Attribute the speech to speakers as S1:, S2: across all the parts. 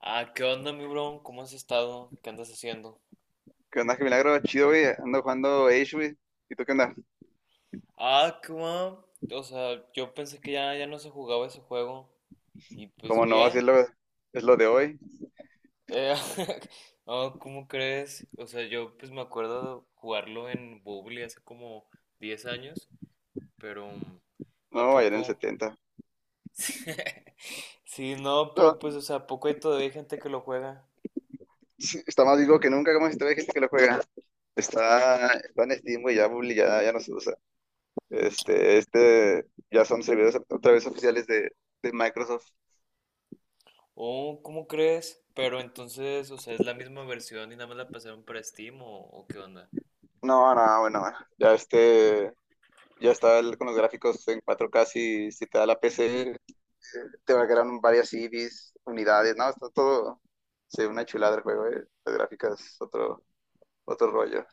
S1: Ah, ¿qué onda, mi bro? ¿Cómo has estado? ¿Qué andas haciendo?
S2: ¿Qué onda? Qué milagro, chido, güey. Ando jugando Age, güey. ¿Y tú qué onda?
S1: Ah, qué guau. O sea, yo pensé que ya no se jugaba ese juego. Y pues
S2: ¿Cómo no? Si
S1: bien.
S2: es lo de hoy.
S1: Eh, no, ¿cómo crees? O sea, yo pues me acuerdo de jugarlo en Bubble hace como 10 años, pero ¿a
S2: No, ayer en el
S1: poco?
S2: 70.
S1: Sí, no,
S2: No,
S1: pero pues, o sea, ¿a poco hay todavía gente que lo juega?
S2: sí, está más vivo que nunca, como si todavía hay gente que lo juega. Está en Steam, güey, ya, Bully, ya, ya no se usa. Ya son servidores otra vez oficiales de Microsoft.
S1: Oh, ¿cómo crees? Pero entonces, o sea, ¿es la misma versión y nada más la pasaron para Steam o qué onda?
S2: No, no, bueno, ya este, ya está con los gráficos en 4K, si, si te da la PC, te va a quedar varias CDs, unidades, no, está todo, sí, una chulada el juego, Las gráficas, otro rollo.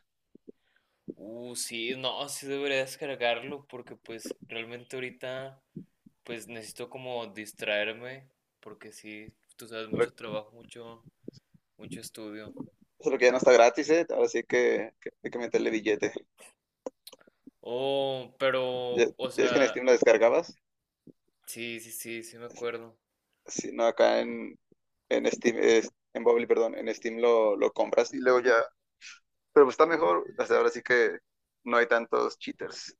S1: Sí, no, sí debería descargarlo porque pues realmente ahorita pues necesito como distraerme porque sí, tú sabes,
S2: Lo-
S1: mucho trabajo, mucho, mucho estudio.
S2: Solo que ya no está gratis, ¿eh? Ahora sí que hay que meterle billete.
S1: Oh,
S2: ¿Ya, ya
S1: pero, o
S2: es que en
S1: sea,
S2: Steam lo descargabas?
S1: sí, sí, sí, sí me acuerdo.
S2: Si no, acá en Steam, en Bubbly, perdón, en Steam lo compras y luego ya. Pero pues está mejor, hasta ahora sí que no hay tantos cheaters.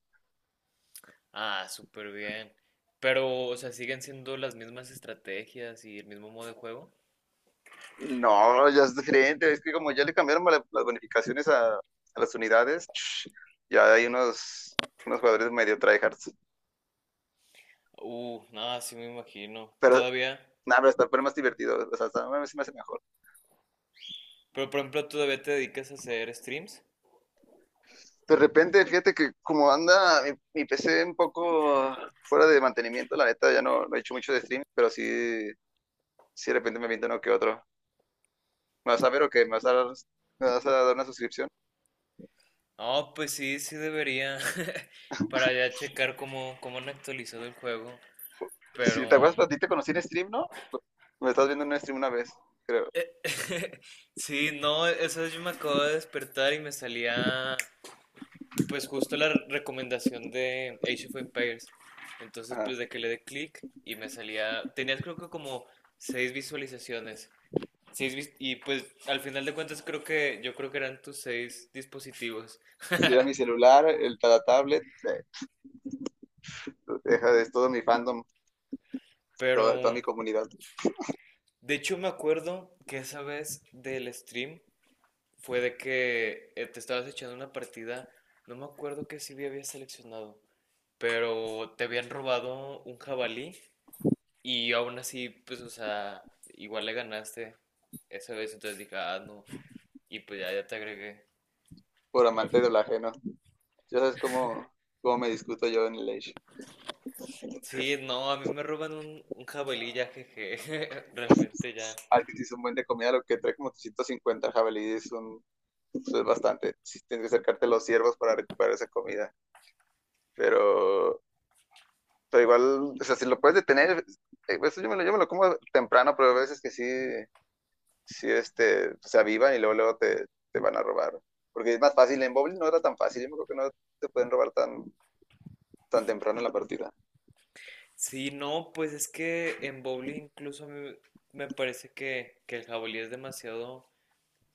S1: Ah, súper bien. Pero, o sea, siguen siendo las mismas estrategias y el mismo modo de juego.
S2: No, ya es diferente. Es que como ya le cambiaron las bonificaciones a las unidades, ya hay unos jugadores medio tryhards.
S1: Nada, sí me imagino.
S2: Pero
S1: Todavía,
S2: nada, pero está pero más divertido. O sea, a mí se me hace mejor.
S1: pero por ejemplo, ¿todavía te dedicas a hacer streams?
S2: De repente, fíjate que como anda mi, mi PC un poco fuera de mantenimiento, la neta ya no, no he hecho mucho de streaming, pero sí, sí de repente me aviento uno que otro. ¿Me vas a ver o qué? ¿Me vas a dar una suscripción?
S1: Oh, pues sí, sí debería. Para ya checar cómo, cómo han actualizado el juego. Pero.
S2: Si te acuerdas, a ti te conocí en stream, ¿no? Me estás viendo en un stream una vez, creo.
S1: eh, sí, no, eso yo me acabo de despertar y me salía. Pues justo la recomendación de Age of Empires. Entonces,
S2: Ajá.
S1: pues de que le dé clic y me salía. Tenías creo que como 6 visualizaciones. Y pues al final de cuentas creo que. Yo creo que eran tus 6 dispositivos.
S2: Sí, era mi celular, el, la tablet, eh, deja de es todo mi fandom, toda
S1: Pero.
S2: mi comunidad,
S1: De hecho, me acuerdo que esa vez del stream. Fue de que te estabas echando una partida, no me acuerdo qué CV habías seleccionado, pero te habían robado un jabalí y aún así, pues, o sea, igual le ganaste esa vez, entonces dije, ah, no, y pues ya te agregué.
S2: por
S1: Eh.
S2: amante de lo ajeno. Ya sabes cómo me discuto yo en el Age.
S1: Sí, no, a mí me roban un jabalí ya, jeje, realmente ya.
S2: Ah, que sí es un buen de comida, lo que trae como 350 jabalíes. Un Eso es bastante. Sí, tienes que acercarte a los ciervos para recuperar esa comida. Pero, pero igual, o sea, si lo puedes detener, eso yo me lo como temprano, pero a veces que sí, sí se avivan y luego, luego te van a robar. Porque es más fácil. En Bowling no era tan fácil. Yo me creo que no te pueden robar tan temprano en la partida.
S1: Sí, no, pues es que en bowling incluso a mí me parece que el jabalí es demasiado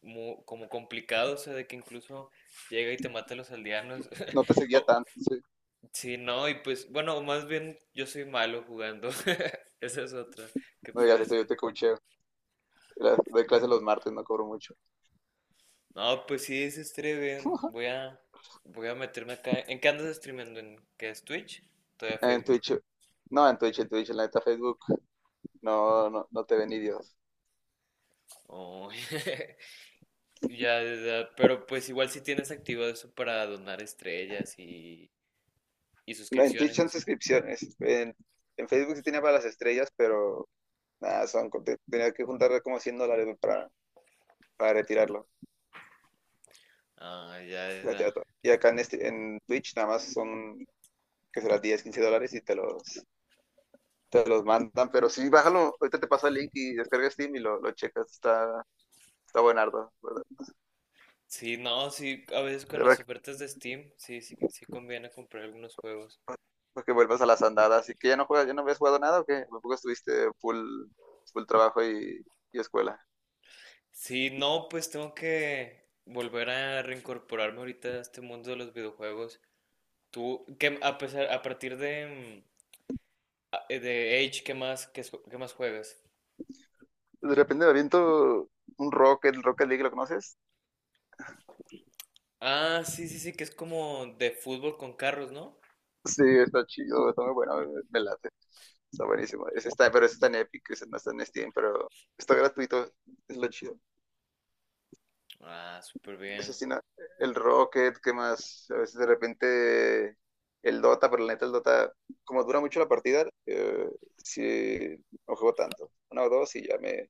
S1: como complicado, o sea, de que incluso llega y te mata a los aldeanos.
S2: No te seguía
S1: O,
S2: tanto. Sí.
S1: sí, no, y pues, bueno, más bien yo soy malo jugando. Esa es otra que
S2: No digas
S1: podría
S2: esto, yo
S1: ser.
S2: te coacheo. Doy clase los martes, no cobro mucho.
S1: No, pues sí, se streamen. Voy a meterme acá. ¿En qué andas streamando? ¿En qué es Twitch? Todavía
S2: En
S1: Facebook.
S2: Twitch, no, en Twitch, en la neta Facebook, no, no, no te ven ni Dios.
S1: Oh, ya, ya, ya, pero pues igual si tienes activado eso para donar estrellas y
S2: En Twitch
S1: suscripciones,
S2: son
S1: eso, ¿no?
S2: suscripciones. En Facebook sí tenía para las estrellas, pero nada, tenía que juntar como $100, ¿no? para retirarlo.
S1: Ah, ya, ya. Ya.
S2: Retirar todo. Y acá en Twitch nada más que será $10, $15 y te los mandan. Pero sí, bájalo, ahorita te pasa el link y descargas Steam y lo checas. Está buenardo. ¿Verdad?
S1: Sí, no, sí, a veces con
S2: Ya para
S1: las
S2: que
S1: ofertas de Steam, sí, sí, sí conviene comprar algunos juegos.
S2: para que vuelvas a las andadas. ¿Y que ya no juegas, ya no habías jugado nada o qué? Tampoco estuviste full trabajo y escuela.
S1: Sí, no, pues tengo que volver a reincorporarme ahorita a este mundo de los videojuegos. Tú, que a pesar, a partir de, de Age, ¿qué más, qué, qué más juegas?
S2: De repente me aviento un Rocket, el Rocket League, ¿lo conoces?
S1: Ah, sí, sí, sí, que es como de fútbol con carros, ¿no?
S2: Sí, está chido, está muy bueno, me late. Está buenísimo. Ese está, pero ese está en Epic, ese no está en Steam, pero está gratuito, es lo chido.
S1: Ah, súper
S2: Eso
S1: bien.
S2: sí, el Rocket, ¿qué más? A veces de repente el Dota, pero la neta el Dota, como dura mucho la partida, sí, no juego tanto. Una o dos y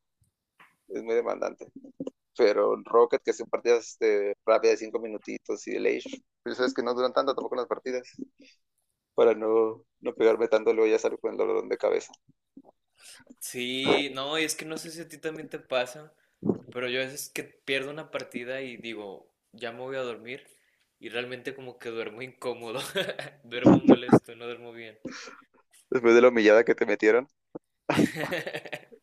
S2: es muy demandante. Pero el Rocket, que son partidas rápidas de 5 minutitos y el Age, pero sabes que no duran tanto tampoco las partidas, para no, no pegarme tanto, luego ya salgo con el dolor de cabeza.
S1: Sí, no, y es que no sé si a ti también te pasa, pero yo a veces que pierdo una partida y digo, ya me voy a dormir, y realmente como que duermo incómodo, duermo molesto, no duermo bien.
S2: Después de la humillada que te metieron,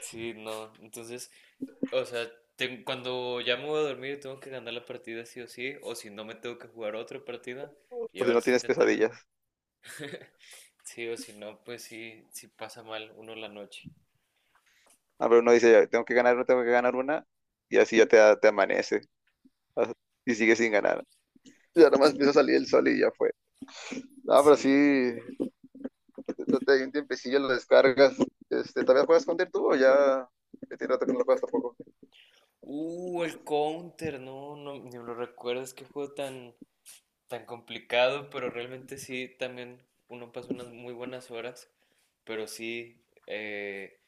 S1: Sí, no, entonces, o sea, cuando ya me voy a dormir tengo que ganar la partida sí o sí, o si no me tengo que jugar otra partida y
S2: o si
S1: ahora
S2: no
S1: sí
S2: tienes
S1: intentar ganar.
S2: pesadillas.
S1: Sí, o si no, pues sí, sí pasa mal uno la noche.
S2: Ah, pero uno dice, ya, tengo que ganar una, tengo que ganar una, y así te amanece as- y sigues sin ganar. Ya nomás empieza a salir el sol y ya fue. Ah, pero sí,
S1: Sí, no.
S2: un tiempecillo lo descargas. ¿Todavía juegas Counter tú o ya ya tiene rato que no lo juegas tampoco?
S1: El Counter, no, no, ni me lo recuerdo, es que juego tan, tan complicado, pero realmente sí, también uno pasa unas muy buenas horas, pero sí,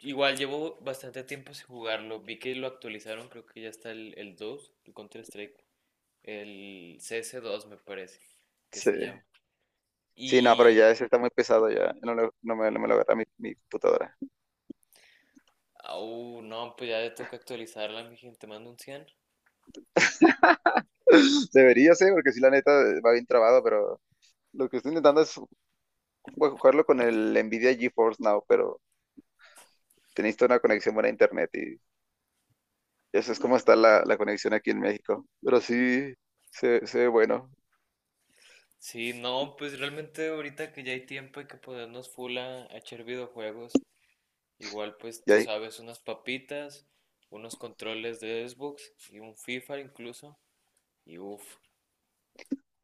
S1: igual llevo bastante tiempo sin jugarlo, vi que lo actualizaron, creo que ya está el 2 el Counter Strike, el CS2 me parece que
S2: Sí.
S1: se llama.
S2: Sí, no, pero
S1: Y,
S2: ya ese está muy pesado ya. No, no me lo agarra mi, mi computadora.
S1: no, pues ya le toca actualizarla, mi gente, te mando un cien.
S2: Debería ser, porque sí, la neta va bien trabado, pero lo que estoy intentando es jugarlo con el Nvidia GeForce Now, pero tenéis toda una conexión buena a internet y eso es como está la conexión aquí en México. Pero sí, se ve bueno.
S1: Sí, no, pues realmente ahorita que ya hay tiempo hay que ponernos full a echar videojuegos. Igual, pues
S2: Y
S1: tú
S2: ahí,
S1: sabes, unas papitas, unos controles de Xbox y un FIFA incluso. Y uff,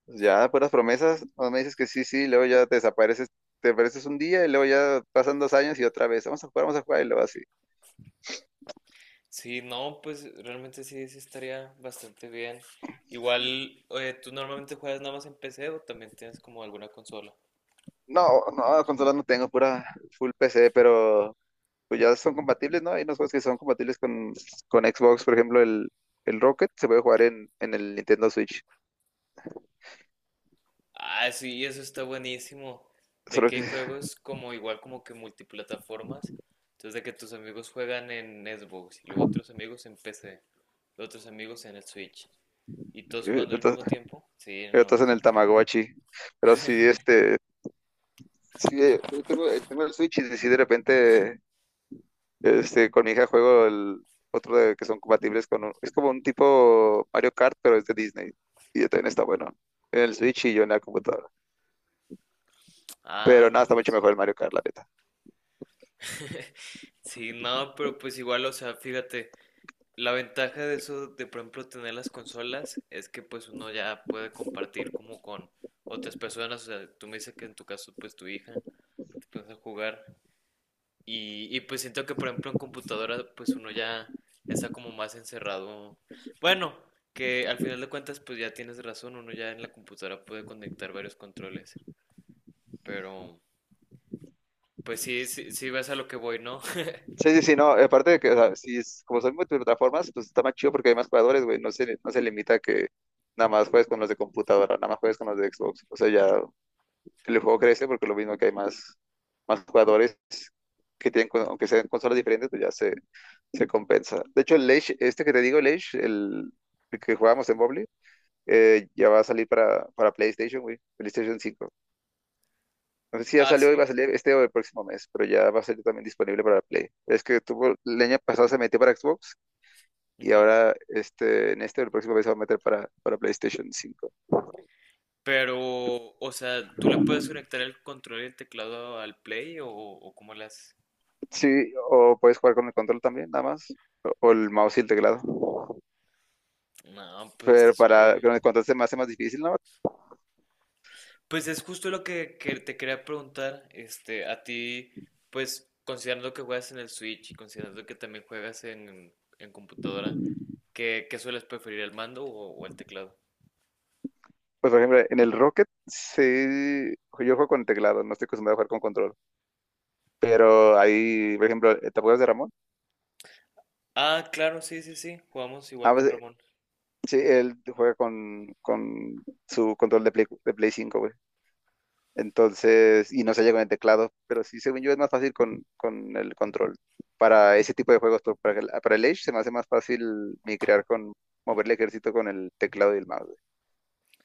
S2: pues ya puras promesas, no me dices que sí, sí, y luego ya te desapareces un día y luego ya pasan 2 años y otra vez, vamos a jugar y luego así.
S1: sí, no, pues realmente sí, sí estaría bastante bien. Igual, ¿tú normalmente juegas nada más en PC o también tienes como alguna consola?
S2: No, no, consolas no tengo, pura full PC, pero pues ya son compatibles, ¿no? Hay unos juegos que son compatibles con Xbox, por ejemplo, el Rocket se puede jugar en el Nintendo Switch.
S1: Ah, sí, eso está buenísimo. De
S2: Solo
S1: que hay
S2: que
S1: juegos como igual como que multiplataformas. Entonces de que tus amigos juegan en Xbox y luego otros amigos en PC, los otros amigos en el Switch. ¿Y todos
S2: eh,
S1: jugando al
S2: estás,
S1: mismo tiempo? Sí, no.
S2: estás en
S1: Sí.
S2: el Tamagotchi. Pero sí, sí, tengo el Switch y si de repente con mi hija juego el otro que son compatibles con... es como un tipo Mario Kart, pero es de Disney. Y también está bueno. En el Switch y yo en la computadora.
S1: Ah,
S2: Pero
S1: no,
S2: nada, está mucho
S1: pues,
S2: mejor el Mario Kart, la neta.
S1: sí, no, pero pues igual, o sea, fíjate, la ventaja de eso, de por ejemplo tener las consolas, es que pues uno ya puede compartir como con otras personas, o sea, tú me dices que en tu caso pues tu hija, te pones a jugar, y pues siento que, por ejemplo, en computadora, pues uno ya está como más encerrado. Bueno, que al final de cuentas, pues ya tienes razón, uno ya en la computadora puede conectar varios controles. Pero, pues sí, sí, sí ves a lo que voy, ¿no?
S2: Sí, sí, sí, no. Aparte de que, o sea, si es, como son multiplataformas, pues está más chido porque hay más jugadores, güey. No se, no se limita a que nada más juegues con los de computadora, nada más juegues con los de Xbox. O sea, ya el juego crece porque lo mismo que hay más jugadores que tienen, aunque sean consolas diferentes, pues ya se compensa. De hecho, el Age, este que te digo, el Age, el que jugábamos en Mobile, ya va a salir para PlayStation, güey. PlayStation 5. No sé si ya
S1: Ah,
S2: salió y va
S1: sí.
S2: a salir este o el próximo mes, pero ya va a salir también disponible para Play. Es que tuvo, el año pasado se metió para Xbox y
S1: Ujú.
S2: ahora en este o el próximo mes se va a meter para PlayStation 5.
S1: Pero, o sea, ¿tú le puedes conectar el control y el teclado al Play o cómo le haces?
S2: Sí, o puedes jugar con el control también, nada más. O el mouse y el teclado.
S1: No, pues está
S2: Pero
S1: súper.
S2: para con el control se me hace más difícil, ¿no?
S1: Pues es justo lo que te quería preguntar, este, a ti, pues considerando que juegas en el Switch y considerando que también juegas en computadora, ¿qué, qué sueles preferir, el mando o el teclado?
S2: Pues, por ejemplo, en el Rocket, sí, yo juego con teclado, no estoy acostumbrado a jugar con control. Pero ahí, por ejemplo, ¿te acuerdas de Ramón?
S1: Ah, claro, sí, sí, sí, jugamos igual
S2: Ah, pues,
S1: con Ramón.
S2: sí, él juega con su control de Play, de Play 5, güey. Entonces, y no se llega con el teclado, pero sí, según yo, es más fácil con el control. Para ese tipo de juegos, pero para el Age se me hace más fácil migrar mover el ejército con el teclado y el mouse, güey.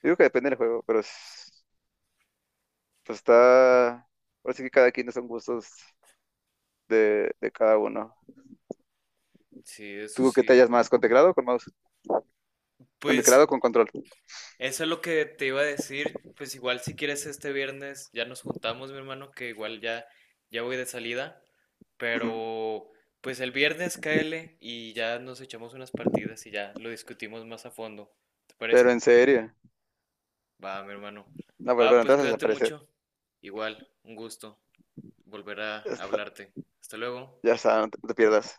S2: Yo digo que depende del juego, pero pues está, ahora sí que cada quien son gustos de cada uno.
S1: Sí, eso
S2: ¿Tú qué te
S1: sí.
S2: hallas más? ¿Con teclado o con mouse? Con teclado o
S1: Pues
S2: con control.
S1: eso es lo que te iba a decir, pues igual si quieres este viernes ya nos juntamos, mi hermano, que igual ya ya voy de salida,
S2: Ujú.
S1: pero pues el viernes cáele y ya nos echamos unas partidas y ya lo discutimos más a fondo. ¿Te
S2: Pero
S1: parece?
S2: en serio.
S1: Va, mi hermano.
S2: No, pero,
S1: Va,
S2: pero
S1: pues
S2: entonces
S1: cuídate
S2: desaparece.
S1: mucho. Igual, un gusto volver a
S2: Ya está,
S1: hablarte. Hasta luego.
S2: ya está, no te, no te pierdas.